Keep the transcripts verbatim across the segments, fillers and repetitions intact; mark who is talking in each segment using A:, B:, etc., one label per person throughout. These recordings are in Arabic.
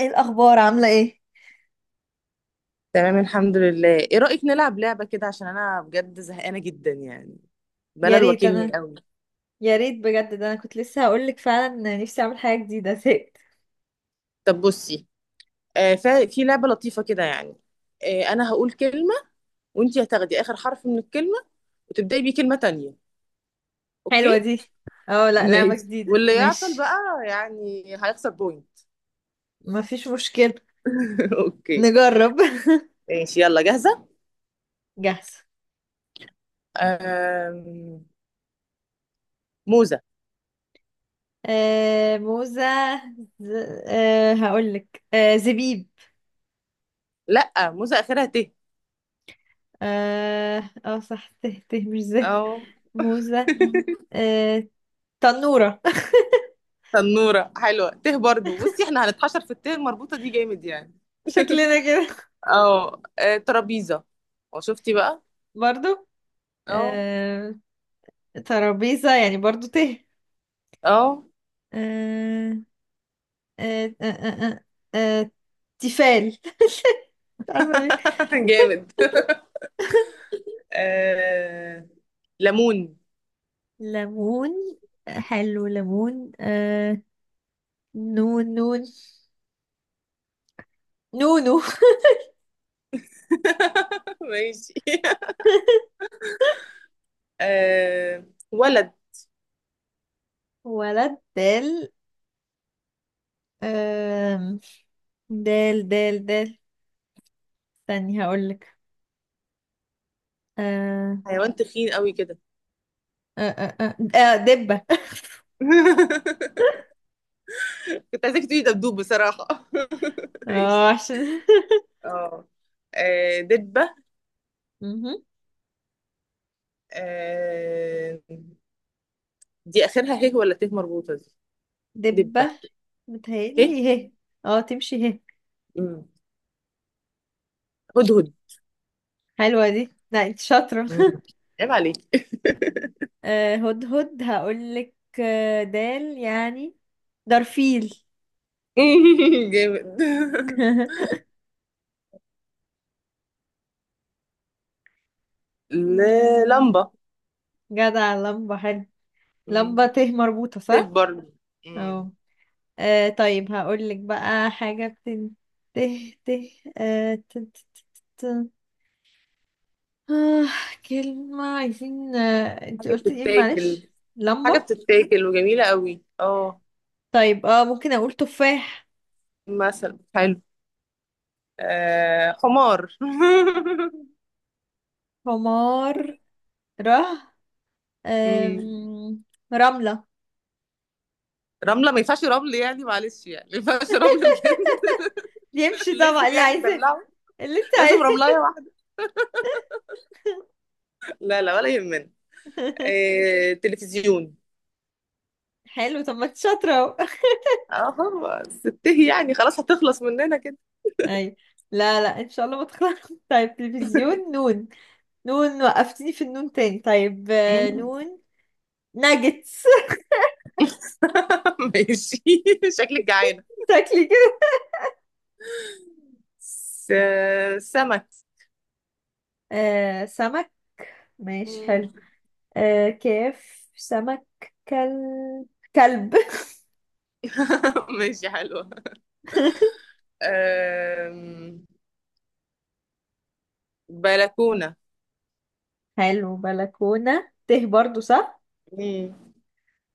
A: ايه الاخبار عامله ايه؟
B: تمام الحمد لله، ايه رأيك نلعب لعبة كده؟ عشان انا بجد زهقانة جدا يعني،
A: يا
B: ملل
A: ريت انا،
B: واكلني قوي.
A: يا ريت بجد، ده انا كنت لسه هقولك فعلا نفسي اعمل حاجه جديده، زهقت.
B: طب بصي، آه فا- في لعبة لطيفة كده يعني. آه انا هقول كلمة وانتي هتاخدي اخر حرف من الكلمة وتبدأي بيه كلمة تانية.
A: حلوه
B: اوكي؟
A: دي. اه لا، لعبه
B: ماشي،
A: جديده
B: واللي يعطل
A: ماشي.
B: بقى يعني هيخسر بوينت.
A: مفيش مشكله.
B: اوكي.
A: نجرب
B: ماشي، يلا جاهزة.
A: جاهزه.
B: آم... موزة.
A: آه موزه. ز... آه هقولك آه زبيب.
B: لا، موزة اخرها ت.
A: اه آه، صح، ته ته مش زي
B: اه،
A: موزه. آه تنوره.
B: تنورة. حلوة ت برضو، بصي احنا هنتحشر في الت المربوطة دي جامد يعني.
A: شكلنا كده.
B: اه، آه، ترابيزة. وشفتي بقى.
A: برضو.
B: اه.
A: آه ترابيزه يعني، برضو ته.
B: اه.
A: آه آه، آه، آه، آه، آه، تيفال. مش عارفة ليه.
B: جامد. آه... ليمون.
A: ليمون. حلو، ليمون. آه نون نون، نونو.
B: ماشي. آه... ولد.
A: ولد، دال. آم، دال دال دال، استني هقولك. آه
B: حيوان تخين قوي كده.
A: آه آه آه آه، دبة.
B: كنت عايزاك تقولي دبدوب بصراحة.
A: اه
B: ماشي.
A: عشان
B: اه، آه، دبة.
A: مهم.
B: آه... دي آخرها هيه ولا ته مربوطة دي؟ دبة.
A: دبة،
B: هيه.
A: متهيألي هي. اه تمشي هي.
B: مم. هدهد.
A: حلوة دي، لا انت شاطرة.
B: مم. عيب عليك.
A: آه، هدهد هقولك. آه، دال يعني درفيل.
B: جامد.
A: مم،
B: للمبة.
A: جدع، لمبة حلو. لمبة
B: مم.
A: ت مربوطة
B: سيف
A: صح؟
B: برضه. امم
A: اه آه، طيب هقولك بقى حاجة بتن. ت ت آه، ت- ت- ت- ت- آه، كلمة عايزين. آه، انت
B: حاجة
A: قلتي ايه
B: بتتاكل.
A: معلش؟
B: حاجة
A: لمبة.
B: بتتاكل وجميلة قوي، اه.
A: طيب اه ممكن اقول تفاح.
B: مثلا حلو. آه، حمار.
A: حمار، ره. آم،
B: امم
A: رملة.
B: رملة. ما ينفعش رمل يعني، معلش يعني ما ينفعش رمل بجد.
A: يمشي
B: لازم
A: طبعا، اللي
B: يعني
A: عايزاه،
B: ندلعه،
A: اللي انت
B: لازم
A: عايزاه.
B: رملاية واحدة. لا لا، ولا يهمنا. آه، تلفزيون.
A: حلو، طب ما انت شاطرة اهو.
B: اه خلاص تنتهي يعني، خلاص هتخلص مننا كده.
A: اي، لا لا ان شاء الله ما تخلص طيب تلفزيون، نون. نون وقفتني في النون تاني. طيب آه،
B: مم.
A: نون ناجتس.
B: ماشي. شكلك جعانة.
A: تاكلي كده.
B: س- سمك.
A: آه سمك. ماشي
B: مم.
A: حلو. آه كيف سمك؟ كلب، كلب.
B: ماشي، حلوة. أم... بلكونة.
A: حلو بلكونة، ته برضو صح.
B: مم.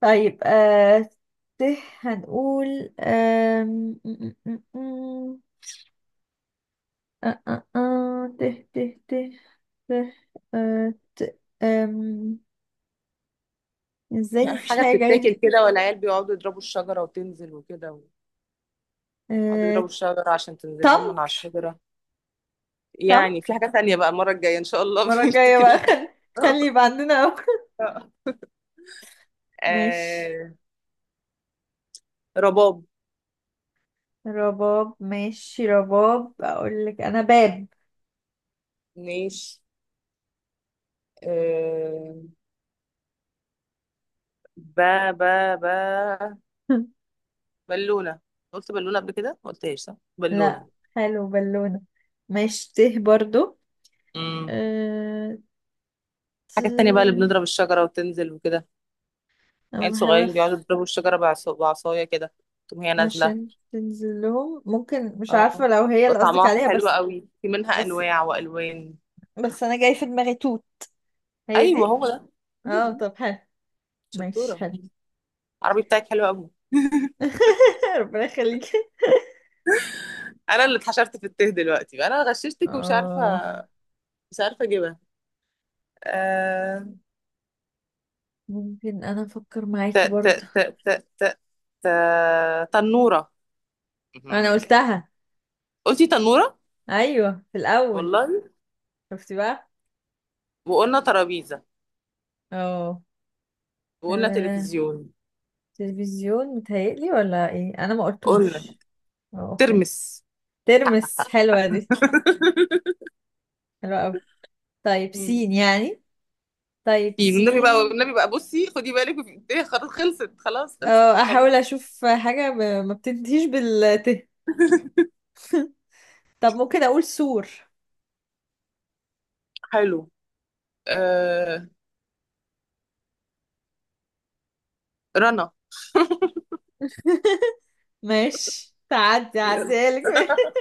A: طيب آه ته هنقول، آه آه آه آه ته ته ته ته آه ت. آم. ازاي مفيش
B: حاجة
A: حاجة
B: بتتاكل
A: جاية؟
B: كده، والعيال بيقعدوا يضربوا الشجرة وتنزل وكده، ويقعدوا يضربوا
A: آه
B: الشجرة عشان تنزل لهم من على
A: تمر.
B: الشجرة.
A: تمر،
B: يعني في حاجة تانية بقى، المرة الجاية إن شاء الله
A: المرة الجاية بقى
B: بنفتكريها.
A: خلي، خلي يبقى عندنا أوي. ماشي،
B: آه... رباب.
A: رباب. ماشي رباب، أقول لك أنا باب.
B: ماشي. آه... با با با بالونة. قلت بالونة قبل كده؟ ما قلتهاش صح؟
A: لا،
B: بالونة.
A: حلو بالونة. ماشي ته برضو.
B: مم.
A: آه ت.
B: الحاجة التانية بقى، اللي بنضرب الشجرة وتنزل وكده،
A: أنا
B: عيل
A: بحاول
B: صغيرين بيقعدوا
A: أف-
B: يضربوا الشجرة بعصا- بعصاية كده، تقوم هي نازلة.
A: عشان تنزل لهم. ممكن، مش عارفة
B: اه،
A: لو هي اللي قصدك
B: طعمها
A: عليها،
B: حلو
A: بس
B: قوي، في منها
A: بس
B: أنواع وألوان.
A: بس أنا جاي في دماغي توت. هي
B: أيوه،
A: دي.
B: هو ده.
A: اه،
B: مم.
A: طب حلو. ماشي
B: شطورة.
A: حلو.
B: العربي بتاعك حلو قوي.
A: ربنا يخليك.
B: أنا اللي اتحشرت في الته دلوقتي بقى. أنا غششتك ومش عارفة،
A: اه
B: مش عارفة أجيبها. آه...
A: ممكن انا افكر
B: ت
A: معاكي
B: ت
A: برضو.
B: ت ت ت ت تنورة.
A: انا
B: مم.
A: قلتها،
B: قلتي تنورة.
A: ايوه في الاول.
B: والله؟
A: شفتي بقى.
B: وقلنا ترابيزة،
A: اه
B: وقلنا
A: آه،
B: تلفزيون،
A: تلفزيون متهيألي ولا ايه، انا ما
B: قلنا
A: قلتوش؟ اه اوكي.
B: ترمس.
A: ترمس، حلوه دي، حلوه قوي. طيب
B: مم.
A: سين يعني. طيب
B: إيه، والنبي بقى
A: سين.
B: والنبي بقى بصي خدي بالك، وفي- ايه خلاص خلصت، خلاص خلصت
A: اه احاول
B: القاموس.
A: اشوف حاجه ب- ما بتنتهيش بالت. طب ممكن اقول سور.
B: حلو. آه، رنا.
A: ماشي، تعدي
B: يلا.
A: عديلك.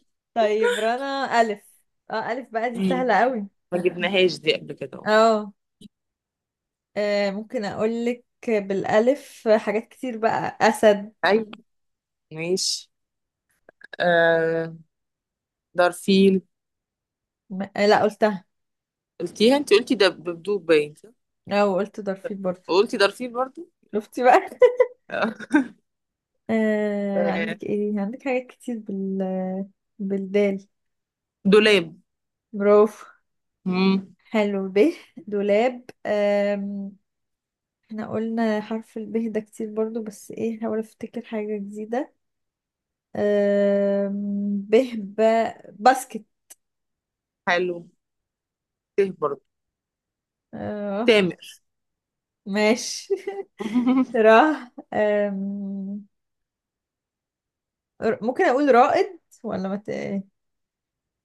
A: طيب رنا، ألف. اه ألف بقى دي
B: مم.
A: سهلة قوي.
B: ما جبناهاش دي قبل كده اهو.
A: اه آه، ممكن أقولك بالألف حاجات كتير، بقى أسد.
B: ايوه، ماشي. آه، دارفيل.
A: م... آه، لا قلتها.
B: قلتيها انت، قلتي ده بدوب باين صح؟
A: اه قلت درفيل برضه.
B: وقلتي دارفيل برضو.
A: شفتي بقى.
B: آه،
A: آه
B: آه،
A: عندك ايه، عندك حاجات كتير بال، بالدال.
B: دولاب.
A: برافو.
B: مم.
A: حلو ب، دولاب. آم، احنا قلنا حرف الب ده كتير برضو، بس ايه، هحاول افتكر حاجة جديدة. أم، به ب، باسكت.
B: حلو، ته برضو.
A: أه
B: تامر.
A: ماشي. راه. أم، ر- ممكن أقول رائد، ولا ما ت-؟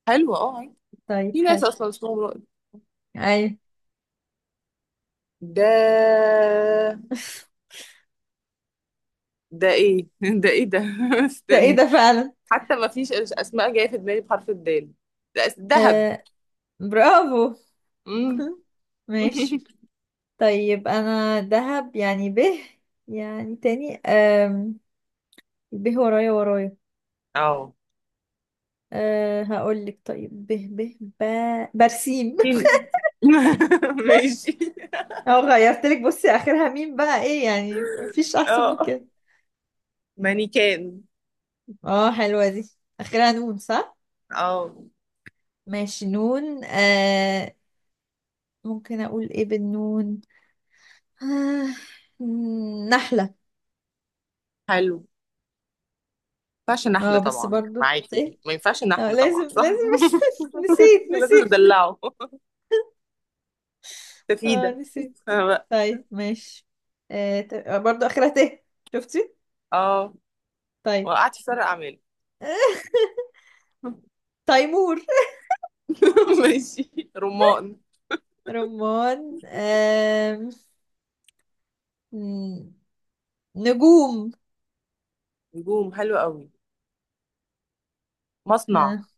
B: حلو، اه عادي.
A: طيب
B: في
A: حلو.
B: ناس اصلا اسمهم رائد.
A: أيوة.
B: ده ده ايه؟ ده ايه ده؟
A: ده إيه
B: استني.
A: ده فعلا؟
B: حتى ما فيش اسماء جايه في دماغي بحرف الدال. لا، دهب.
A: أه برافو.
B: مم.
A: ماشي. طيب أنا دهب يعني به، يعني تاني. أم، به ورايا ورايا.
B: اه.
A: أه هقول لك، طيب به به ب... برسيم.
B: فين؟ ماشي.
A: اه غيرتلك، بصي اخرها مين بقى ايه، يعني مفيش احسن من
B: اه،
A: كده.
B: مانيكان.
A: اه حلوة دي، اخرها نون صح.
B: اه
A: ماشي نون. آه ممكن اقول ايه بالنون؟ آه نحلة.
B: حلو. ما ينفعش
A: اه
B: نحل
A: بس
B: طبعا
A: برضو ايه،
B: معاكي، ما ينفعش
A: اه
B: نحل
A: لازم
B: طبعا صح.
A: لازم. نسيت
B: لازم
A: نسيت.
B: ندلعه.
A: اه
B: سفيدة.
A: نسيت.
B: أنا بقى.
A: طيب ماشي، آه ت- آه، برضو اخرها ت. شفتي؟
B: اه.
A: طيب.
B: وقعت في فرق اعمال.
A: تيمور.
B: ماشي. رمان.
A: رمان. آم، نجوم.
B: نجوم حلو قوي. مصنع.
A: آه.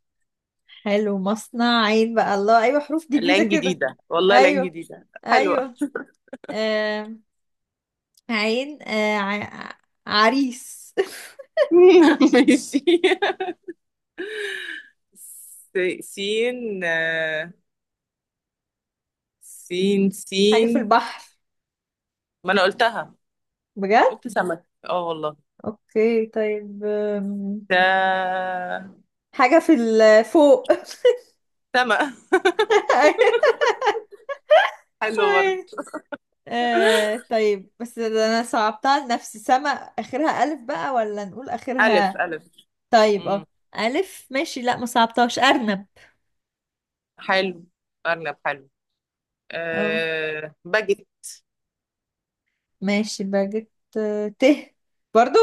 A: حلو مصنع، عين بقى، الله ايوه حروف جديدة
B: لان
A: كده.
B: جديدة والله، لان
A: ايوه
B: جديدة حلوة.
A: ايوه. آه عين، آه ع... عريس.
B: ماشي. س... سين. آه، سين
A: حاجة
B: سين
A: في البحر.
B: ما انا قلتها،
A: بجد؟
B: قلت سمك اه والله.
A: اوكي طيب. آم،
B: تا
A: حاجة في ال- فوق.
B: سمك. حلو برضه.
A: أيوة. آه طيب، بس ده انا صعبتها لنفسي سما، اخرها الف بقى ولا نقول
B: ألف
A: اخرها؟
B: ألف.
A: طيب
B: امم
A: اه الف ماشي، لا ما صعبتهاش، ارنب.
B: حلو. أرنب حلو.
A: اه
B: أه، باجت.
A: ماشي باجت. آه، ت برضو.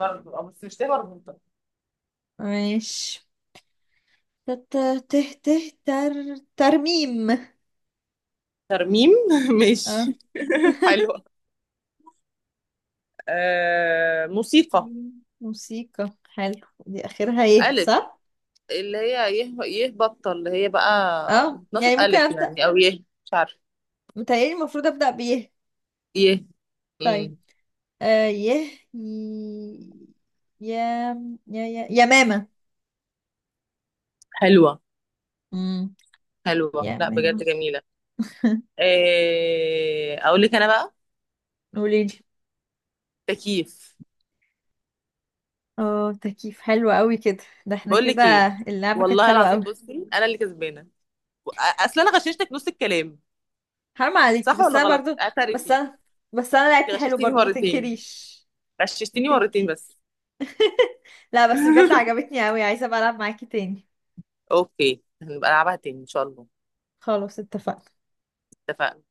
B: برضه أه، بس مش تبقى مربوطة.
A: ماشي. ت ت ت ت تر، ترميم.
B: ترميم.
A: اه
B: ماشي. حلو. أه، موسيقى.
A: مم. موسيقى حلو، دي اخرها ايه
B: ألف،
A: صح.
B: اللي هي يه. يه بطة اللي هي بقى
A: اه يعني
B: بتنطق
A: ممكن
B: ألف
A: ابدا،
B: يعني، أو يه. مش عارفة.
A: متهيألي المفروض ابدا بيه.
B: يه.
A: طيب
B: امم
A: آه يه ي- يا يا يا يا ماما.
B: حلوة،
A: امم
B: حلوة
A: يا
B: لا
A: ماما.
B: بجد جميلة. إيه اقول لك انا بقى؟
A: قوليلي.
B: تكييف.
A: اه تكييف حلو قوي كده، ده احنا
B: بقول
A: كده
B: لك ايه؟
A: اللعبة كانت
B: والله
A: حلوة
B: العظيم
A: قوي.
B: بصي انا اللي كسبانة، اصل انا غششتك نص الكلام.
A: حرام عليكي،
B: صح
A: بس
B: ولا
A: انا
B: غلط؟
A: برضو، بس
B: اعترفي.
A: انا بس انا لعبت
B: انت
A: حلو
B: غششتيني
A: برضو ما
B: مرتين،
A: تنكريش. ما
B: غششتيني
A: تنك...
B: مرتين بس.
A: لا بس بجد عجبتني قوي، عايزه بقى العب معاكي تاني.
B: اوكي، هنبقى نلعبها تاني ان شاء الله.
A: خلاص اتفقنا.
B: اتفقنا.